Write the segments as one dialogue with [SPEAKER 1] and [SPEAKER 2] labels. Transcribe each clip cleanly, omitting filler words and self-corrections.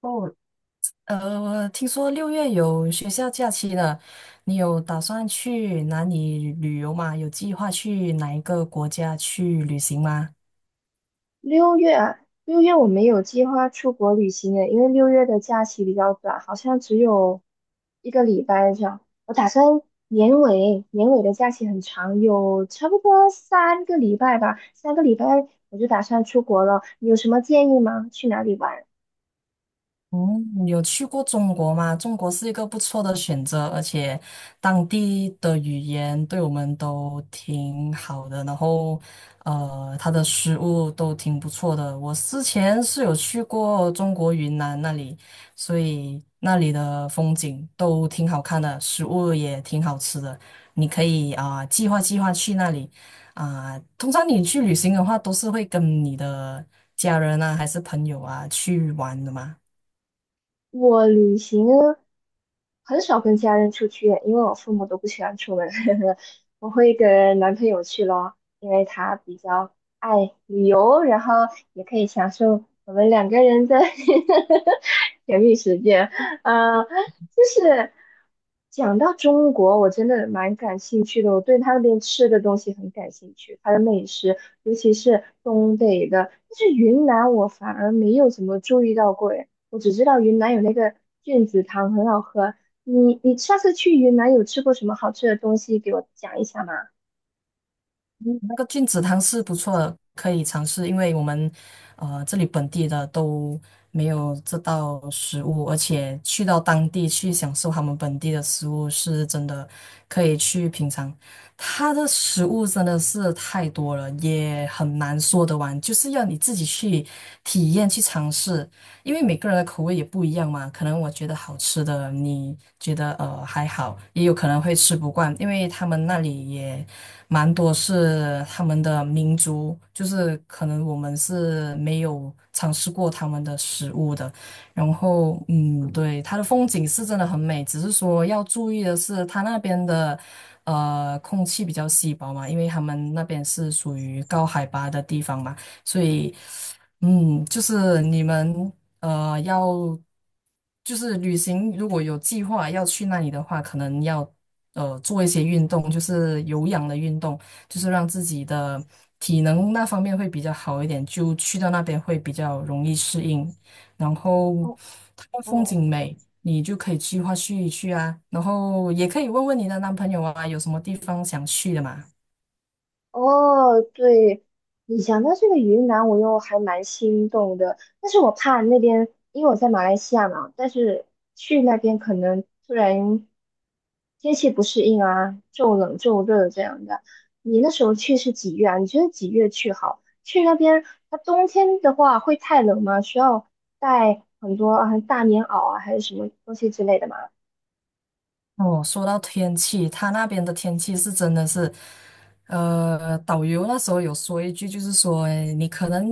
[SPEAKER 1] 哦，听说六月有学校假期了，你有打算去哪里旅游吗？有计划去哪一个国家去旅行吗？
[SPEAKER 2] 六月啊，六月我没有计划出国旅行的，因为六月的假期比较短，好像只有一个礼拜这样。我打算年尾，年尾的假期很长，有差不多三个礼拜吧，三个礼拜我就打算出国了。你有什么建议吗？去哪里玩？
[SPEAKER 1] 嗯，有去过中国吗？中国是一个不错的选择，而且当地的语言对我们都挺好的，然后它的食物都挺不错的。我之前是有去过中国云南那里，所以那里的风景都挺好看的，食物也挺好吃的。你可以啊、计划计划去那里啊、通常你去旅行的话，都是会跟你的家人啊，还是朋友啊去玩的嘛。
[SPEAKER 2] 我旅行呢很少跟家人出去，因为我父母都不喜欢出门。我会跟男朋友去咯，因为他比较爱旅游，然后也可以享受我们两个人的 甜蜜时间。呃，就是讲到中国，我真的蛮感兴趣的，我对他那边吃的东西很感兴趣，他的美食，尤其是东北的。但是云南我反而没有怎么注意到过，诶，我只知道云南有那个菌子汤很好喝，你上次去云南有吃过什么好吃的东西？给我讲一下嘛。
[SPEAKER 1] 那个菌子汤是不错的，可以尝试，因为我们这里本地的都没有这道食物，而且去到当地去享受他们本地的食物，是真的可以去品尝。它的食物真的是太多了，也很难说得完，就是要你自己去体验、去尝试，因为每个人的口味也不一样嘛。可能我觉得好吃的，你觉得还好，也有可能会吃不惯，因为他们那里也。蛮多是他们的民族，就是可能我们是没有尝试过他们的食物的。然后，对，它的风景是真的很美，只是说要注意的是，它那边的空气比较稀薄嘛，因为他们那边是属于高海拔的地方嘛，所以，就是你们。要就是旅行，如果有计划要去那里的话，可能要做一些运动，就是有氧的运动，就是让自己的体能那方面会比较好一点，就去到那边会比较容易适应。然后
[SPEAKER 2] 哦
[SPEAKER 1] 它的风
[SPEAKER 2] 哦
[SPEAKER 1] 景美，你就可以计划去一去啊。然后也可以问问你的男朋友啊，有什么地方想去的嘛？
[SPEAKER 2] 哦，对，你讲到这个云南，我又还蛮心动的，但是我怕那边，因为我在马来西亚嘛，但是去那边可能突然天气不适应啊，骤冷骤热这样的。你那时候去是几月啊？你觉得几月去好？去那边，它冬天的话会太冷吗？需要带很多啊大棉袄啊，还是什么东西之类的吗？
[SPEAKER 1] 哦，说到天气，他那边的天气是真的是，导游那时候有说一句，就是说，诶你可能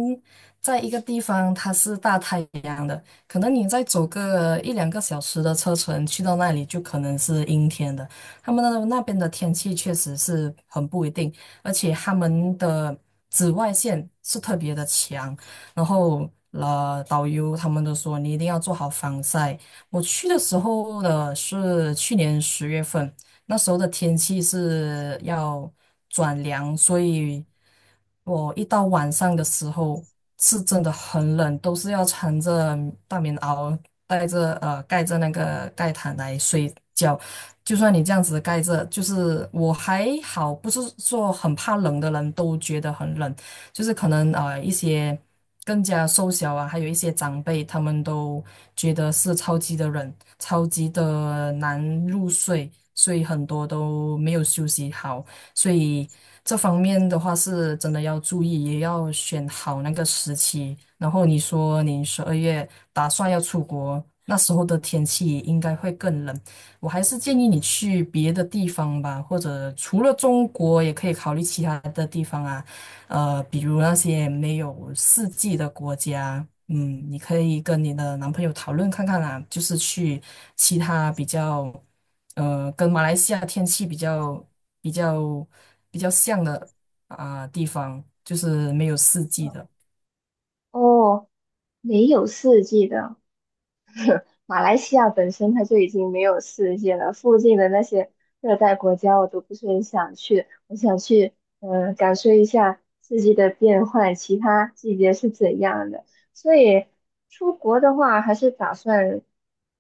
[SPEAKER 1] 在一个地方它是大太阳的，可能你再走个一两个小时的车程去到那里，就可能是阴天的。他们那边的天气确实是很不一定，而且他们的紫外线是特别的强，然后导游他们都说你一定要做好防晒。我去的时候呢是去年十月份，那时候的天气是要转凉，所以我一到晚上的时候是真的很冷，都是要穿着大棉袄，带着盖着那个盖毯来睡觉。就算你这样子盖着，就是我还好，不是说很怕冷的人都觉得很冷。就是可能一些更加瘦小啊，还有一些长辈，他们都觉得是超级的冷，超级的难入睡，所以很多都没有休息好，所以这方面的话是真的要注意，也要选好那个时期。然后你说你十二月打算要出国，那时候的天气应该会更冷。我还是建议你去别的地方吧，或者除了中国，也可以考虑其他的地方啊，比如那些没有四季的国家，你可以跟你的男朋友讨论看看啦，就是去其他比较，跟马来西亚天气比较比较像的啊、地方，就是没有四季的。
[SPEAKER 2] 哦，没有四季的。马来西亚本身它就已经没有世界了，附近的那些热带国家我都不是很想去，我想去感受一下四季的变换，其他季节是怎样的。所以出国的话，还是打算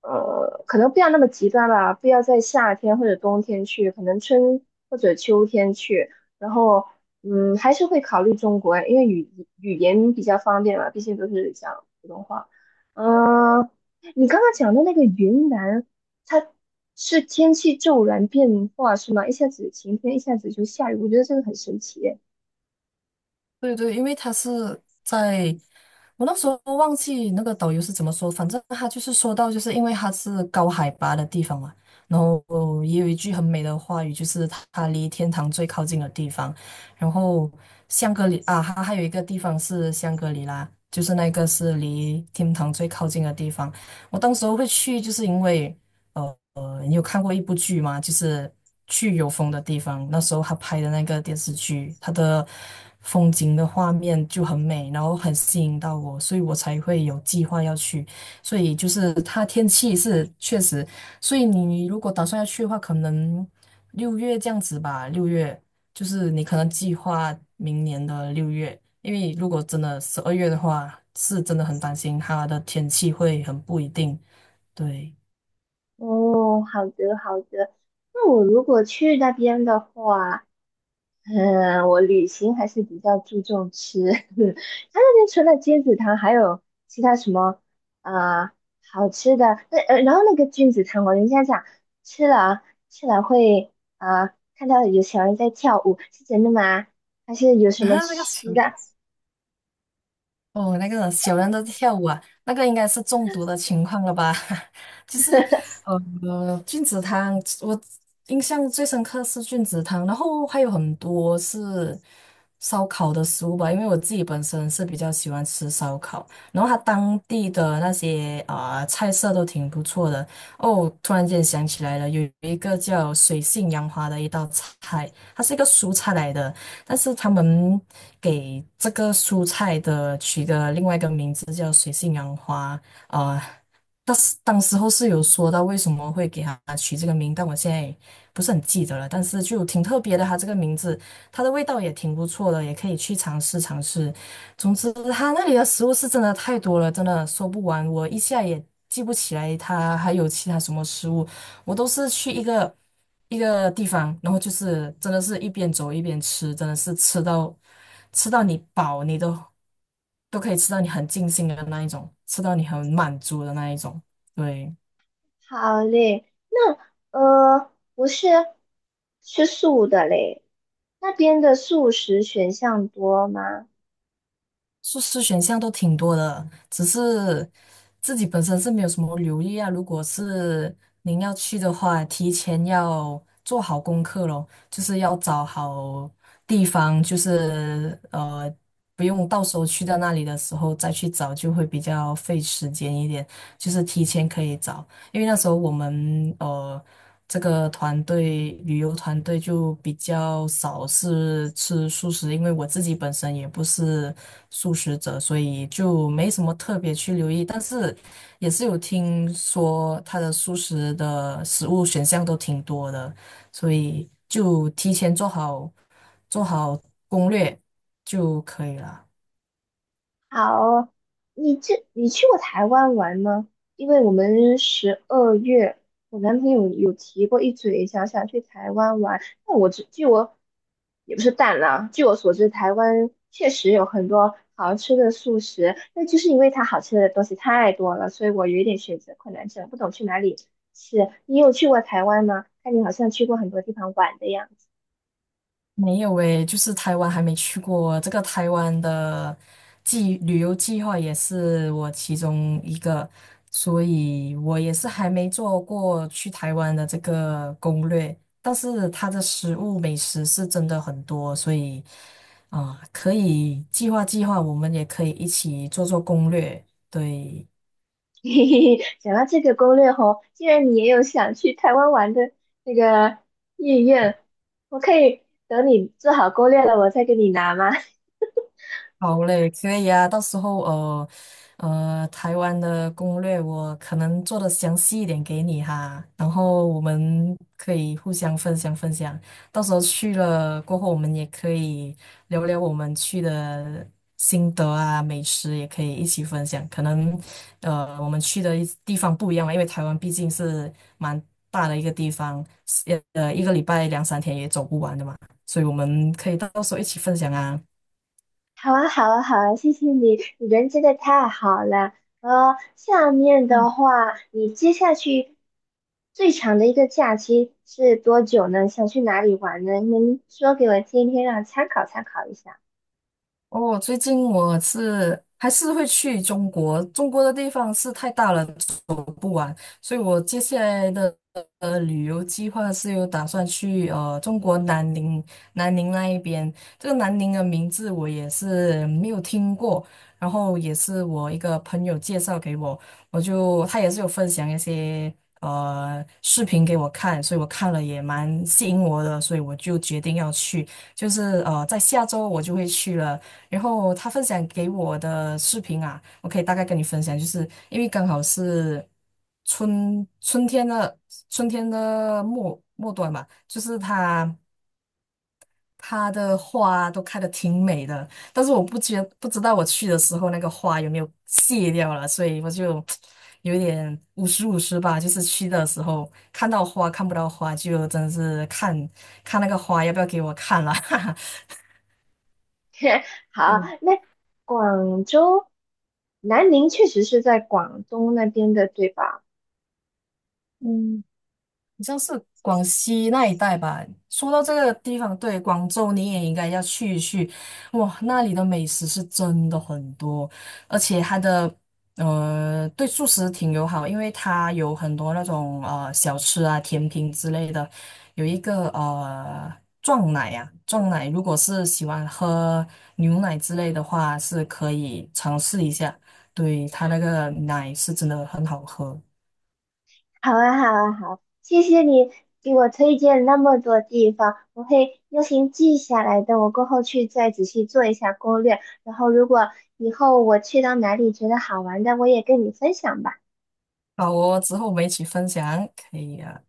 [SPEAKER 2] 可能不要那么极端吧，不要在夏天或者冬天去，可能春或者秋天去，然后。嗯，还是会考虑中国，因为语言比较方便嘛，毕竟都是讲普通话。嗯，你刚刚讲的那个云南，它是天气骤然变化是吗？一下子晴天，一下子就下雨，我觉得这个很神奇耶。
[SPEAKER 1] 对对，因为他是在我那时候忘记那个导游是怎么说，反正他就是说到，就是因为他是高海拔的地方嘛，然后也有一句很美的话语，就是他离天堂最靠近的地方。然后香格里啊，他还有一个地方是香格里拉，就是那个是离天堂最靠近的地方。我当时候会去，就是因为。呃你有看过一部剧吗？就是去有风的地方，那时候他拍的那个电视剧，他的风景的画面就很美，然后很吸引到我，所以我才会有计划要去。所以就是它天气是确实，所以你如果打算要去的话，可能六月这样子吧，六月就是你可能计划明年的六月，因为如果真的十二月的话，是真的很担心它的天气会很不一定，对。
[SPEAKER 2] 哦，好的好的，那我如果去那边的话，嗯，我旅行还是比较注重吃。他那边除了金子汤，还有其他什么啊好吃的？那然后那个菌子汤，我人家讲吃了啊吃了会啊，看到有小人在跳舞，是真的吗？还是有 什么
[SPEAKER 1] 那个
[SPEAKER 2] 吃的？
[SPEAKER 1] 哦，那个小人在跳舞啊，那个应该是中毒的情况了吧？就是菌子汤，我印象最深刻是菌子汤，然后还有很多是烧烤的食物吧，因为我自己本身是比较喜欢吃烧烤，然后它当地的那些啊、菜色都挺不错的。哦，突然间想起来了，有一个叫水性杨花的一道菜，它是一个蔬菜来的。但是他们给这个蔬菜的取的另外一个名字叫水性杨花，呃，当时候是有说到为什么会给它取这个名，但我现在不是很记得了，但是就挺特别的，它这个名字，它的味道也挺不错的，也可以去尝试尝试。总之，它那里的食物是真的太多了，真的说不完，我一下也记不起来它还有其他什么食物。我都是去一个一个地方，然后就是真的是一边走一边吃，真的是吃到你饱，你都可以吃到你很尽兴的那一种，吃到你很满足的那一种。对，
[SPEAKER 2] 好嘞，那呃我是吃素的嘞，那边的素食选项多吗？
[SPEAKER 1] 硕士选项都挺多的，只是自己本身是没有什么留意啊。如果是您要去的话，提前要做好功课咯，就是要找好地方，就是不用到时候去到那里的时候再去找，就会比较费时间一点。就是提前可以找，因为那时候我们这个旅游团队就比较少是吃素食，因为我自己本身也不是素食者，所以就没什么特别去留意。但是也是有听说它的素食的食物选项都挺多的，所以就提前做好攻略就可以了。
[SPEAKER 2] 好，你去过台湾玩吗？因为我们十二月，我男朋友有提过一嘴，想去台湾玩。那我只据我也不是淡了，据我所知，台湾确实有很多好吃的素食，那就是因为它好吃的东西太多了，所以我有一点选择困难症，不懂去哪里吃。你有去过台湾吗？看你好像去过很多地方玩的样子。
[SPEAKER 1] 没有诶，就是台湾还没去过。这个台湾的旅游计划也是我其中一个，所以我也是还没做过去台湾的这个攻略。但是它的食物美食是真的很多，所以啊，可以计划计划，我们也可以一起做做攻略。对。
[SPEAKER 2] 嘿嘿嘿，讲到这个攻略吼，既然你也有想去台湾玩的那个意愿，我可以等你做好攻略了，我再给你拿吗？
[SPEAKER 1] 好嘞，可以啊。到时候台湾的攻略我可能做的详细一点给你哈，然后我们可以互相分享分享。到时候去了过后，我们也可以聊聊我们去的心得啊，美食也可以一起分享。可能我们去的一地方不一样嘛，因为台湾毕竟是蛮大的一个地方，一个礼拜两三天也走不完的嘛，所以我们可以到时候一起分享啊。
[SPEAKER 2] 好啊，好啊，好啊，谢谢你，你人真的太好了。呃，下面的话，你接下去最长的一个假期是多久呢？想去哪里玩呢？您说给我听一听，让我参考参考一下。
[SPEAKER 1] 哦，最近我是还是会去中国，中国的地方是太大了，走不完，所以我接下来的旅游计划是有打算去中国南宁，南宁那一边。这个南宁的名字我也是没有听过，然后也是我一个朋友介绍给我，他也是有分享一些视频给我看，所以我看了也蛮吸引我的，所以我就决定要去。就是在下周我就会去了。然后他分享给我的视频啊，我可以大概跟你分享，就是因为刚好是春春天的春天的末端嘛，就是它的花都开的挺美的，但是我不知道我去的时候那个花有没有谢掉了，所以我就 有一点五十五十吧，就是去的时候看到花看不到花，就真的是看看那个花要不要给我看了，哈哈，
[SPEAKER 2] 好，
[SPEAKER 1] 对。
[SPEAKER 2] 那广州，南宁确实是在广东那边的，对吧？
[SPEAKER 1] 嗯，好像是广西那一带吧。说到这个地方，对，广州你也应该要去一去。哇，那里的美食是真的很多，而且它的对素食挺友好，因为它有很多那种小吃啊、甜品之类的。有一个撞奶啊，撞奶如果是喜欢喝牛奶之类的话，是可以尝试一下。对，它那个奶是真的很好喝。
[SPEAKER 2] 好啊，好啊，好，谢谢你给我推荐那么多地方，我会用心记下来，的。我过后去再仔细做一下攻略。然后，如果以后我去到哪里觉得好玩的，我也跟你分享吧。
[SPEAKER 1] 好哦，之后我们一起分享，可以啊。